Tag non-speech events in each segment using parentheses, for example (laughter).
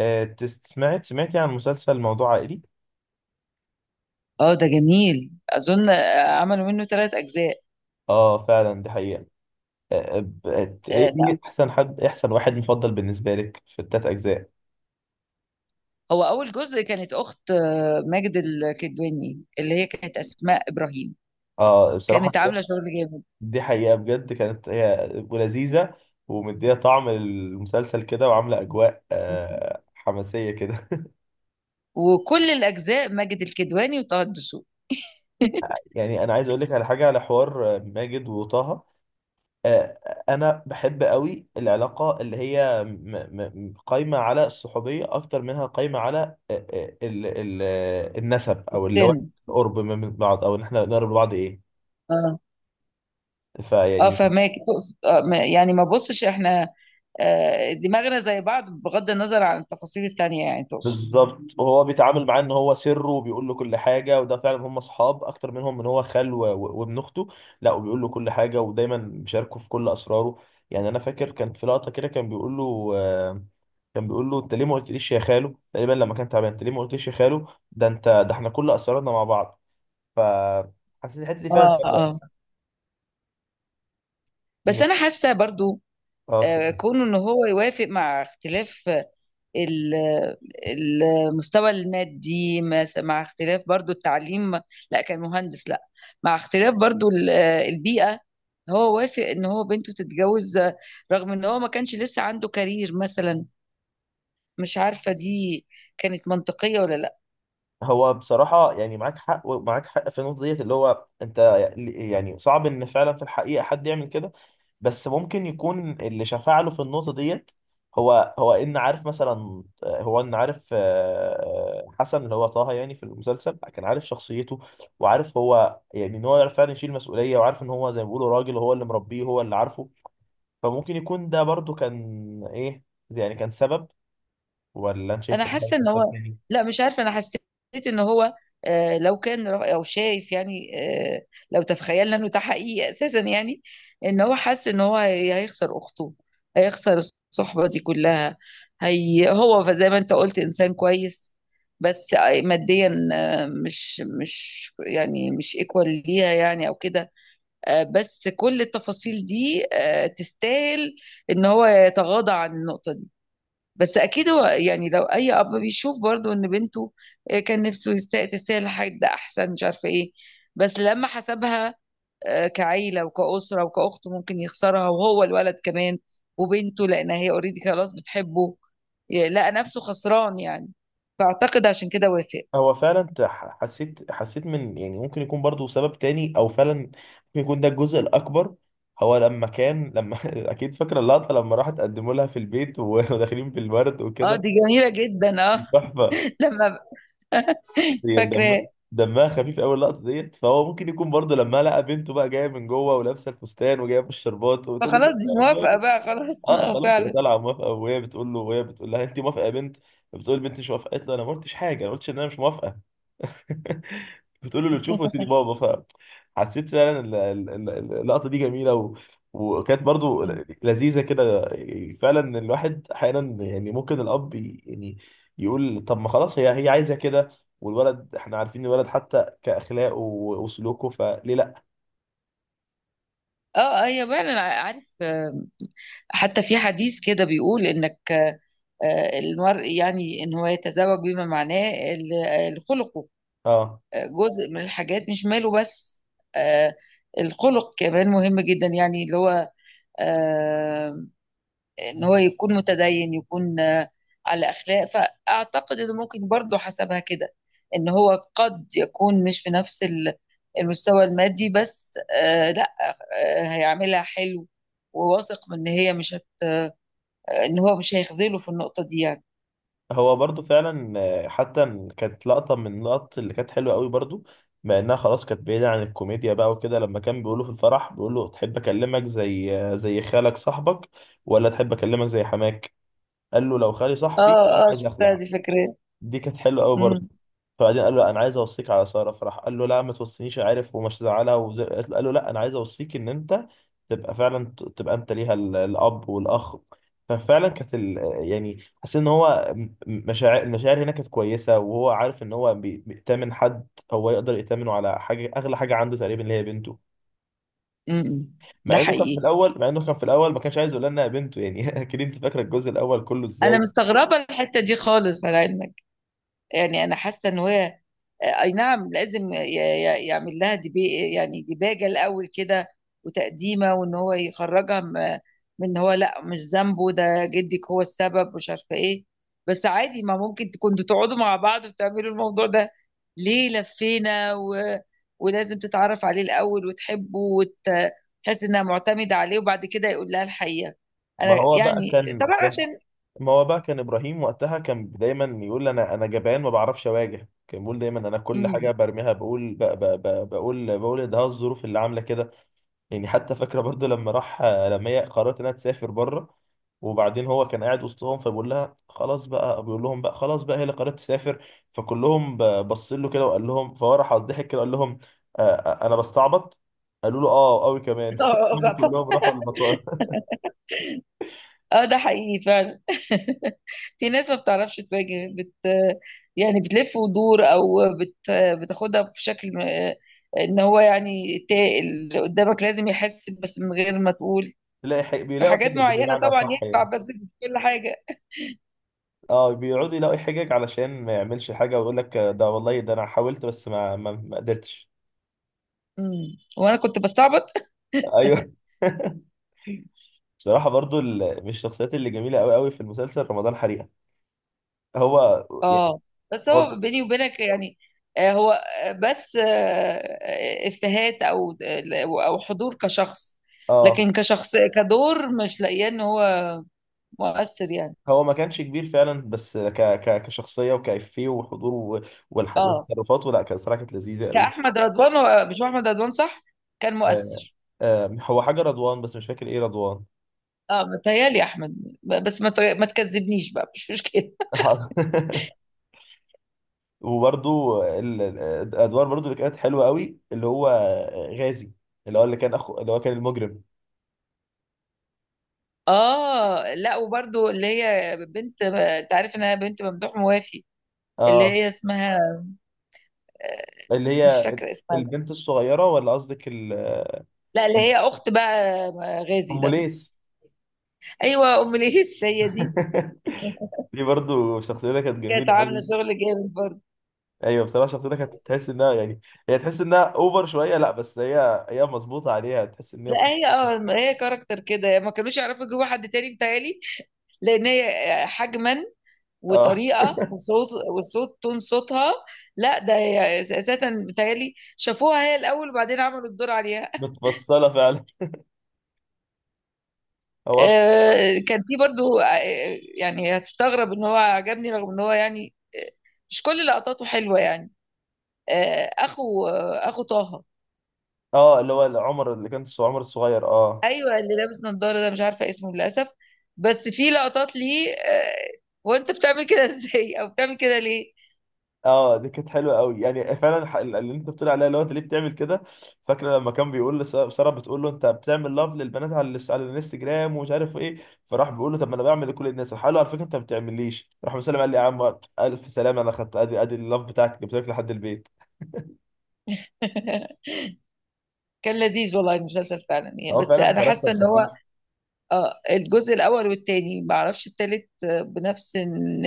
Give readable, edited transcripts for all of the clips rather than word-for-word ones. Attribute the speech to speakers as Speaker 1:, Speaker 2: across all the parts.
Speaker 1: سمعتي عن مسلسل موضوع عائلي؟
Speaker 2: اه ده جميل اظن عملوا منه ثلاث اجزاء.
Speaker 1: اه، فعلا دي حقيقة. ايه
Speaker 2: لا،
Speaker 1: إيه احسن حد إيه احسن واحد مفضل بالنسبة لك في التلات اجزاء؟
Speaker 2: هو اول جزء كانت اخت ماجد الكدواني اللي هي كانت اسماء ابراهيم.
Speaker 1: اه، بصراحة.
Speaker 2: كانت
Speaker 1: (laughs)
Speaker 2: عامله شغل جامد،
Speaker 1: دي حقيقة، بجد كانت هي ولذيذة، ومدية طعم المسلسل كده وعاملة اجواء حماسية كده.
Speaker 2: وكل الاجزاء ماجد الكدواني وطه الدسوقي.
Speaker 1: (laughs)
Speaker 2: (laughs)
Speaker 1: يعني انا عايز اقول لك على حاجة، على حوار ماجد وطه. آه، انا بحب قوي العلاقه اللي هي قايمه على الصحوبيه اكتر منها قايمه على النسب، او اللي هو
Speaker 2: السن.
Speaker 1: القرب من بعض، او ان احنا نقرب لبعض، ايه.
Speaker 2: اه اه،
Speaker 1: فيعني،
Speaker 2: فهماك تقصد آه يعني ما بصش احنا آه، دماغنا زي بعض بغض النظر عن التفاصيل التانية، يعني تقصد.
Speaker 1: بالظبط، وهو بيتعامل معاه ان هو سره وبيقول له كل حاجه، وده فعلا هم اصحاب اكتر منهم ان هو خال وابن اخته. لا، وبيقول له كل حاجه ودايما بيشاركه في كل اسراره. يعني انا فاكر كان في لقطه كده، كان بيقول له كان بيقول له: انت ليه ما قلتليش يا خالو؟ تقريبا لما كان تعبان، انت ليه ما قلتليش يا خالو؟ ده انت، ده احنا كل اسرارنا مع بعض. ف حسيت الحته دي فعلا
Speaker 2: اه
Speaker 1: حلوه.
Speaker 2: اه. بس
Speaker 1: م-
Speaker 2: انا حاسه برضو
Speaker 1: اه،
Speaker 2: آه،
Speaker 1: اتفضل.
Speaker 2: كونه ان هو يوافق مع اختلاف ال- المستوى المادي، مع اختلاف برضو التعليم، لا كان مهندس لا، مع اختلاف برضو البيئة. هو وافق ان هو بنته تتجوز رغم ان هو ما كانش لسه عنده كارير مثلا. مش عارفة دي كانت منطقية ولا لا.
Speaker 1: هو بصراحه يعني معاك حق، ومعاك حق في النقطه ديت، اللي هو انت يعني صعب ان فعلا في الحقيقه حد يعمل كده. بس ممكن يكون اللي شفع له في النقطة ديت، هو ان عارف، مثلا هو ان عارف حسن، اللي هو طه، يعني في المسلسل كان عارف شخصيته، وعارف هو، يعني ان هو يعرف فعلا يشيل مسؤولية، وعارف ان هو زي ما بيقولوا راجل، هو اللي مربيه هو اللي عارفه. فممكن يكون ده برضو كان ايه، يعني كان سبب. ولا انت شايف
Speaker 2: انا
Speaker 1: إن ده
Speaker 2: حاسه
Speaker 1: كان
Speaker 2: ان
Speaker 1: سبب
Speaker 2: هو،
Speaker 1: تاني؟
Speaker 2: لا مش عارفه، انا حسيت ان هو لو او شايف يعني، آه، لو تخيلنا انه ده حقيقي اساسا يعني، ان هو حاسس ان هو هيخسر اخته، هيخسر الصحبه دي كلها. هي هو زي ما انت قلت انسان كويس، بس ماديا مش يعني مش ايكوال ليها يعني او كده. بس كل التفاصيل دي تستاهل ان هو يتغاضى عن النقطه. بس اكيد هو يعني لو اي اب بيشوف برضو ان بنته كان نفسه تستاهل حاجه احسن، مش عارفه ايه، بس لما حسبها كعيله وكاسره وكاخت ممكن يخسرها، وهو الولد كمان، وبنته لان هي اوريدي خلاص بتحبه، لقى نفسه خسران يعني. فاعتقد عشان كده وافق.
Speaker 1: هو فعلا حسيت من، يعني ممكن يكون برضو سبب تاني، او فعلا ممكن يكون ده الجزء الاكبر. هو لما كان لما (laughs) اكيد فاكره اللقطه لما راح تقدموا لها في البيت (laughs) وداخلين بالورد
Speaker 2: اه
Speaker 1: وكده.
Speaker 2: دي جميله جدا اه.
Speaker 1: تحفه.
Speaker 2: (laughs) لما ب-
Speaker 1: هي
Speaker 2: فاكراه.
Speaker 1: دم دمها خفيف قوي اللقطه ديت. فهو ممكن يكون برضو لما لقى بنته بقى جايه من جوه ولابسه الفستان وجايبه الشربات وبتقول
Speaker 2: فخلاص دي موافقه
Speaker 1: له:
Speaker 2: بقى خلاص. (laughs)
Speaker 1: اه
Speaker 2: اه
Speaker 1: خلاص، هي
Speaker 2: فعلا.
Speaker 1: طالعه موافقه. وهي بتقول له، وهي بتقول لها: انت موافقه يا بنت؟ بتقول البنت مش موافقه، قالت له: انا ما قلتش حاجه، انا ما قلتش ان انا مش موافقه. بتقول له: اللي تشوفه يا سيدي بابا. فحسيت فعلا اللقطه دي جميله وكانت برضو لذيذه كده. فعلا الواحد احيانا يعني، ممكن الاب يعني يقول: طب ما خلاص، هي عايزه كده، والولد احنا عارفين الولد حتى كاخلاقه وسلوكه، فليه لا؟
Speaker 2: اه آه، هي فعلا عارف. حتى في حديث كده بيقول انك المرء يعني ان هو يتزوج بما معناه الخلق.
Speaker 1: اه،
Speaker 2: جزء من الحاجات مش ماله بس، آه، الخلق كمان مهم جدا، يعني اللي هو آه، ان هو يكون متدين، يكون على اخلاق. فاعتقد انه ممكن برضه حسبها كده، ان هو قد يكون مش بنفس المستوى المادي، بس لا، هيعملها حلو. وواثق من ان هي مش هت... ان هو مش هيخذله في النقطة دي يعني.
Speaker 1: هو برضو فعلا حتى كانت لقطة من اللقط اللي كانت حلوة قوي برضو، مع انها خلاص كانت بعيدة عن الكوميديا بقى وكده، لما كان بيقوله في الفرح، بيقوله: تحب اكلمك زي زي خالك صاحبك، ولا تحب اكلمك زي حماك؟ قال له: لو خالي صاحبي كان
Speaker 2: اه اه،
Speaker 1: عايز
Speaker 2: شفتها
Speaker 1: اخلع.
Speaker 2: دي فكرة.
Speaker 1: دي كانت حلوه قوي برضه.
Speaker 2: امم.
Speaker 1: فبعدين قال له: انا عايز اوصيك على ساره. فراح قال له: لا، ما توصينيش، عارف، ومش زعلها وزي... قال له: لا، انا عايز اوصيك ان انت تبقى فعلا تبقى انت ليها الاب والاخ. ففعلا كانت يعني، حسيت ان هو مشاعر، المشاعر هنا كانت كويسه، وهو عارف ان هو بيأتمن حد، هو يقدر يأتمنه على حاجه، اغلى حاجه عنده تقريبا اللي هي بنته.
Speaker 2: امم، ده
Speaker 1: مع انه كان في
Speaker 2: حقيقي.
Speaker 1: الاول، ما كانش عايز يقول لنا بنته يعني. (laughs) اكيد انت فاكره الجزء الاول كله
Speaker 2: انا
Speaker 1: ازاي.
Speaker 2: مستغربه الحته دي خالص على علمك. يعني انا حاسه ان هي، اي نعم لازم يعمل لها دبي، يعني ديباجه الاول كده، وتقديمه، وان هو يخرجها من ان هو، لا مش ذنبه، ده جدك هو السبب، مش عارفه ايه. بس عادي، ما ممكن كنتوا تقعدوا مع بعض وتعملوا الموضوع ده. ليه لفينا و... ولازم تتعرف عليه الاول وتحبه وتحس انها معتمده عليه، وبعد كده يقول لها الحقيقه.
Speaker 1: ما
Speaker 2: انا
Speaker 1: هو بقى
Speaker 2: يعني
Speaker 1: كان
Speaker 2: طبعا عشان.
Speaker 1: ما هو بقى كان ابراهيم وقتها كان دايما يقول: انا جبان، ما بعرفش اواجه. كان بيقول دايما: انا كل حاجه
Speaker 2: امم.
Speaker 1: برميها، بقول ب- ب- ب- بقول بقول ان ده الظروف اللي عامله كده. يعني حتى فاكره برضو لما هي قررت انها تسافر بره. وبعدين هو كان قاعد وسطهم، فبيقول لها: خلاص بقى. بيقول لهم بقى: خلاص بقى، هي اللي قررت تسافر. فكلهم بص له كده، وقال لهم، فهو راح ضحك كده، قال لهم: انا بستعبط. قالوا له: اه قوي كمان.
Speaker 2: (laughs)
Speaker 1: (laughs)
Speaker 2: اه
Speaker 1: هم
Speaker 2: آه،
Speaker 1: كلهم راحوا المطار.
Speaker 2: ده حقيقي فعلا، في ناس ما بتعرفش تواجه بت، يعني بتلف ودور او بت، بتاخدها بشكل ان هو يعني اللي قدامك لازم يحس بس من غير ما تقول.
Speaker 1: (laughs) تلاقي
Speaker 2: في
Speaker 1: بيلاقوا
Speaker 2: حاجات
Speaker 1: حاجه
Speaker 2: معينة
Speaker 1: بمعنى
Speaker 2: طبعا
Speaker 1: اصح
Speaker 2: ينفع،
Speaker 1: يعني.
Speaker 2: بس في كل حاجة.
Speaker 1: اه، بيقعدوا يلاقوا حجج علشان ما يعملش حاجه، ويقول لك: ده والله، ده انا حاولت بس ما قدرتش.
Speaker 2: امم، وانا كنت بستعبط.
Speaker 1: ايوه. (laughs) بصراحه برضو من الشخصيات اللي جميله قوي قوي في المسلسل رمضان حريقه. هو يعني
Speaker 2: اه، بس
Speaker 1: هو
Speaker 2: هو بيني وبينك يعني هو آه، بس آه، آه، افيهات او او حضور كشخص،
Speaker 1: اه
Speaker 2: لكن كشخص كدور مش لاقياه ان هو مؤثر يعني.
Speaker 1: هو ما كانش كبير فعلا، بس ك ك كشخصيه وكافيه وحضور والحاج
Speaker 2: اه،
Speaker 1: والتصرفات، ولا كان صراحه كانت لذيذه قوي.
Speaker 2: كأحمد رضوان، مش هو أحمد رضوان صح؟ كان
Speaker 1: آه
Speaker 2: مؤثر.
Speaker 1: هو حاجه رضوان، بس مش فاكر ايه رضوان.
Speaker 2: اه متهيألي أحمد، بس ما تكذبنيش بقى، مش مشكلة. (laughs)
Speaker 1: (laughs) وبرضو الادوار برضو اللي كانت حلوه قوي، اللي هو غازي، اللي هو اللي كان اخو، اللي هو كان المجرم.
Speaker 2: اه لا، وبرضو اللي هي بنت، انت عارف انها بنت ممدوح موافي، اللي
Speaker 1: اه،
Speaker 2: هي اسمها آه،
Speaker 1: اللي
Speaker 2: مش
Speaker 1: هي
Speaker 2: فاكرة اسمها.
Speaker 1: البنت الصغيره، ولا قصدك
Speaker 2: لا اللي هي أخت بقى غازي
Speaker 1: ام
Speaker 2: ده.
Speaker 1: ليس.
Speaker 2: أيوة، أم ليس، هي دي.
Speaker 1: (laughs)
Speaker 2: (laughs)
Speaker 1: دي برضو شخصيتها كانت
Speaker 2: كانت
Speaker 1: جميله
Speaker 2: عاملة
Speaker 1: قوي.
Speaker 2: شغل جامد برضه.
Speaker 1: ايوه بصراحه شخصيتها كانت تحس انها يعني، هي تحس انها اوفر شويه، لا بس هي مظبوطه عليها، تحس ان هي
Speaker 2: لا هي، اه هي كاركتر كده ما كانوش يعرفوا يجيبوا حد تاني متهيألي، لأن هي حجما
Speaker 1: اه،
Speaker 2: وطريقه وصوت، وصوت تون صوتها. لا ده هي اساسا متهيألي شافوها هي الاول وبعدين عملوا الدور عليها. (laughs)
Speaker 1: متفصله فعلا. هو
Speaker 2: كان في برضو يعني هتستغرب ان هو عجبني، رغم ان هو يعني مش كل لقطاته حلوه يعني، اخو طه.
Speaker 1: اه اللي هو عمر، اللي كان عمر الصغير، اه.
Speaker 2: ايوه، اللي لابس نظاره ده، مش عارفه اسمه للاسف. بس في لقطات ليه وانت بتعمل كده، (laughs) ازاي، او بتعمل كده ليه.
Speaker 1: اه، دي كانت حلوه قوي يعني، فعلا اللي انت بتقول عليها، اللي هو انت ليه بتعمل كده. فاكره لما كان بيقول لساره، سارة بتقول له: انت بتعمل لاف للبنات على على الانستجرام ومش عارف ايه. فراح بيقول له: طب ما انا بعمل لكل الناس. راح قال له: على فكره انت ما بتعمليش. راح مسلم قال لي: يا عم الف سلامه، انا خدت، ادي ادي اللاف بتاعك جبت لك لحد البيت.
Speaker 2: (laughs) كان لذيذ والله المسلسل فعلا يعني.
Speaker 1: هو
Speaker 2: بس
Speaker 1: فعلا
Speaker 2: انا حاسه
Speaker 1: كاركتر
Speaker 2: ان
Speaker 1: خفيف.
Speaker 2: هو، اه الجزء الاول والتاني، ما اعرفش التالت بنفس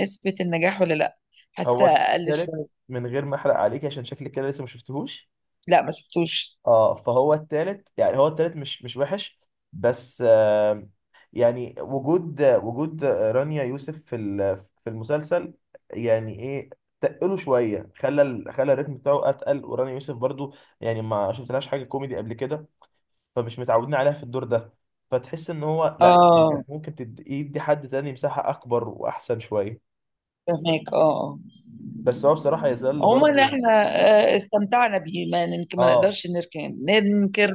Speaker 2: نسبة النجاح ولا لا. حاسه
Speaker 1: هو
Speaker 2: اقل
Speaker 1: ثالث،
Speaker 2: شوية.
Speaker 1: من غير ما احرق عليك، عشان شكلك كده لسه ما شفتهوش.
Speaker 2: لا ما شفتوش.
Speaker 1: اه، فهو التالت يعني، هو التالت مش وحش. بس آه، يعني وجود رانيا يوسف في في المسلسل، يعني ايه، تقله شويه. خلى خلى الريتم بتاعه اتقل، ورانيا يوسف برضو يعني ما شفتلهاش حاجه كوميدي قبل كده، فمش متعودين عليها في الدور ده. فتحس ان هو لا، يعني
Speaker 2: اه
Speaker 1: كانت ممكن يدي حد تاني مساحه اكبر واحسن شويه.
Speaker 2: فهمك اه آه.
Speaker 1: بس هو بصراحه يظل
Speaker 2: عموما
Speaker 1: برضو.
Speaker 2: احنا استمتعنا بيه، ما ننكر، ما
Speaker 1: اه،
Speaker 2: نقدرش نركن ننكر.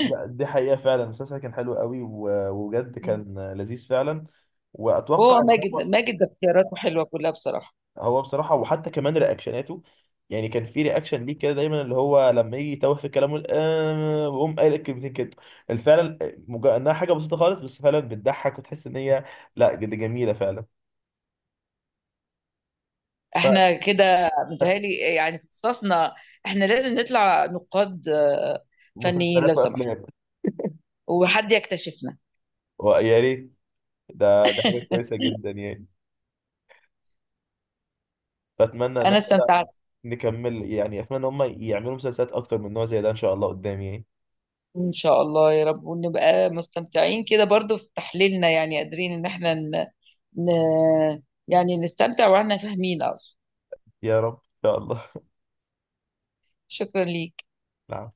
Speaker 1: لا دي حقيقة فعلا، المسلسل كان حلو قوي وبجد كان لذيذ فعلا، وأتوقع
Speaker 2: هو
Speaker 1: إن
Speaker 2: ماجد،
Speaker 1: هو.
Speaker 2: ده اختياراته حلوه كلها بصراحه.
Speaker 1: هو بصراحة، وحتى كمان رياكشناته، يعني كان في رياكشن ليه كده دايما، اللي هو لما يجي يتوه في كلامه ويقوم قايل الكلمتين كده. فعلا إنها حاجة بسيطة خالص، بس فعلا بتضحك وتحس إن هي، لا جد جميلة فعلا.
Speaker 2: احنا كده متهيألي يعني في اختصاصنا احنا لازم نطلع نقاد فنيين لو
Speaker 1: فمسلسلات
Speaker 2: سمحت،
Speaker 1: وأفلام،
Speaker 2: وحد يكتشفنا.
Speaker 1: ويا ريت. ده حاجة كويسة جدا يعني، فأتمنى إن
Speaker 2: انا
Speaker 1: إحنا
Speaker 2: استمتعت.
Speaker 1: نكمل، يعني أتمنى إن هم يعملوا مسلسلات أكتر من نوع زي ده إن شاء الله قدام يعني.
Speaker 2: إن شاء الله يا رب، ونبقى مستمتعين كده برضو في تحليلنا، يعني قادرين إن احنا ن... ن... يعني نستمتع وإحنا فاهمين أصلا.
Speaker 1: يا رب ان شاء الله.
Speaker 2: شكرا ليك.
Speaker 1: نعم.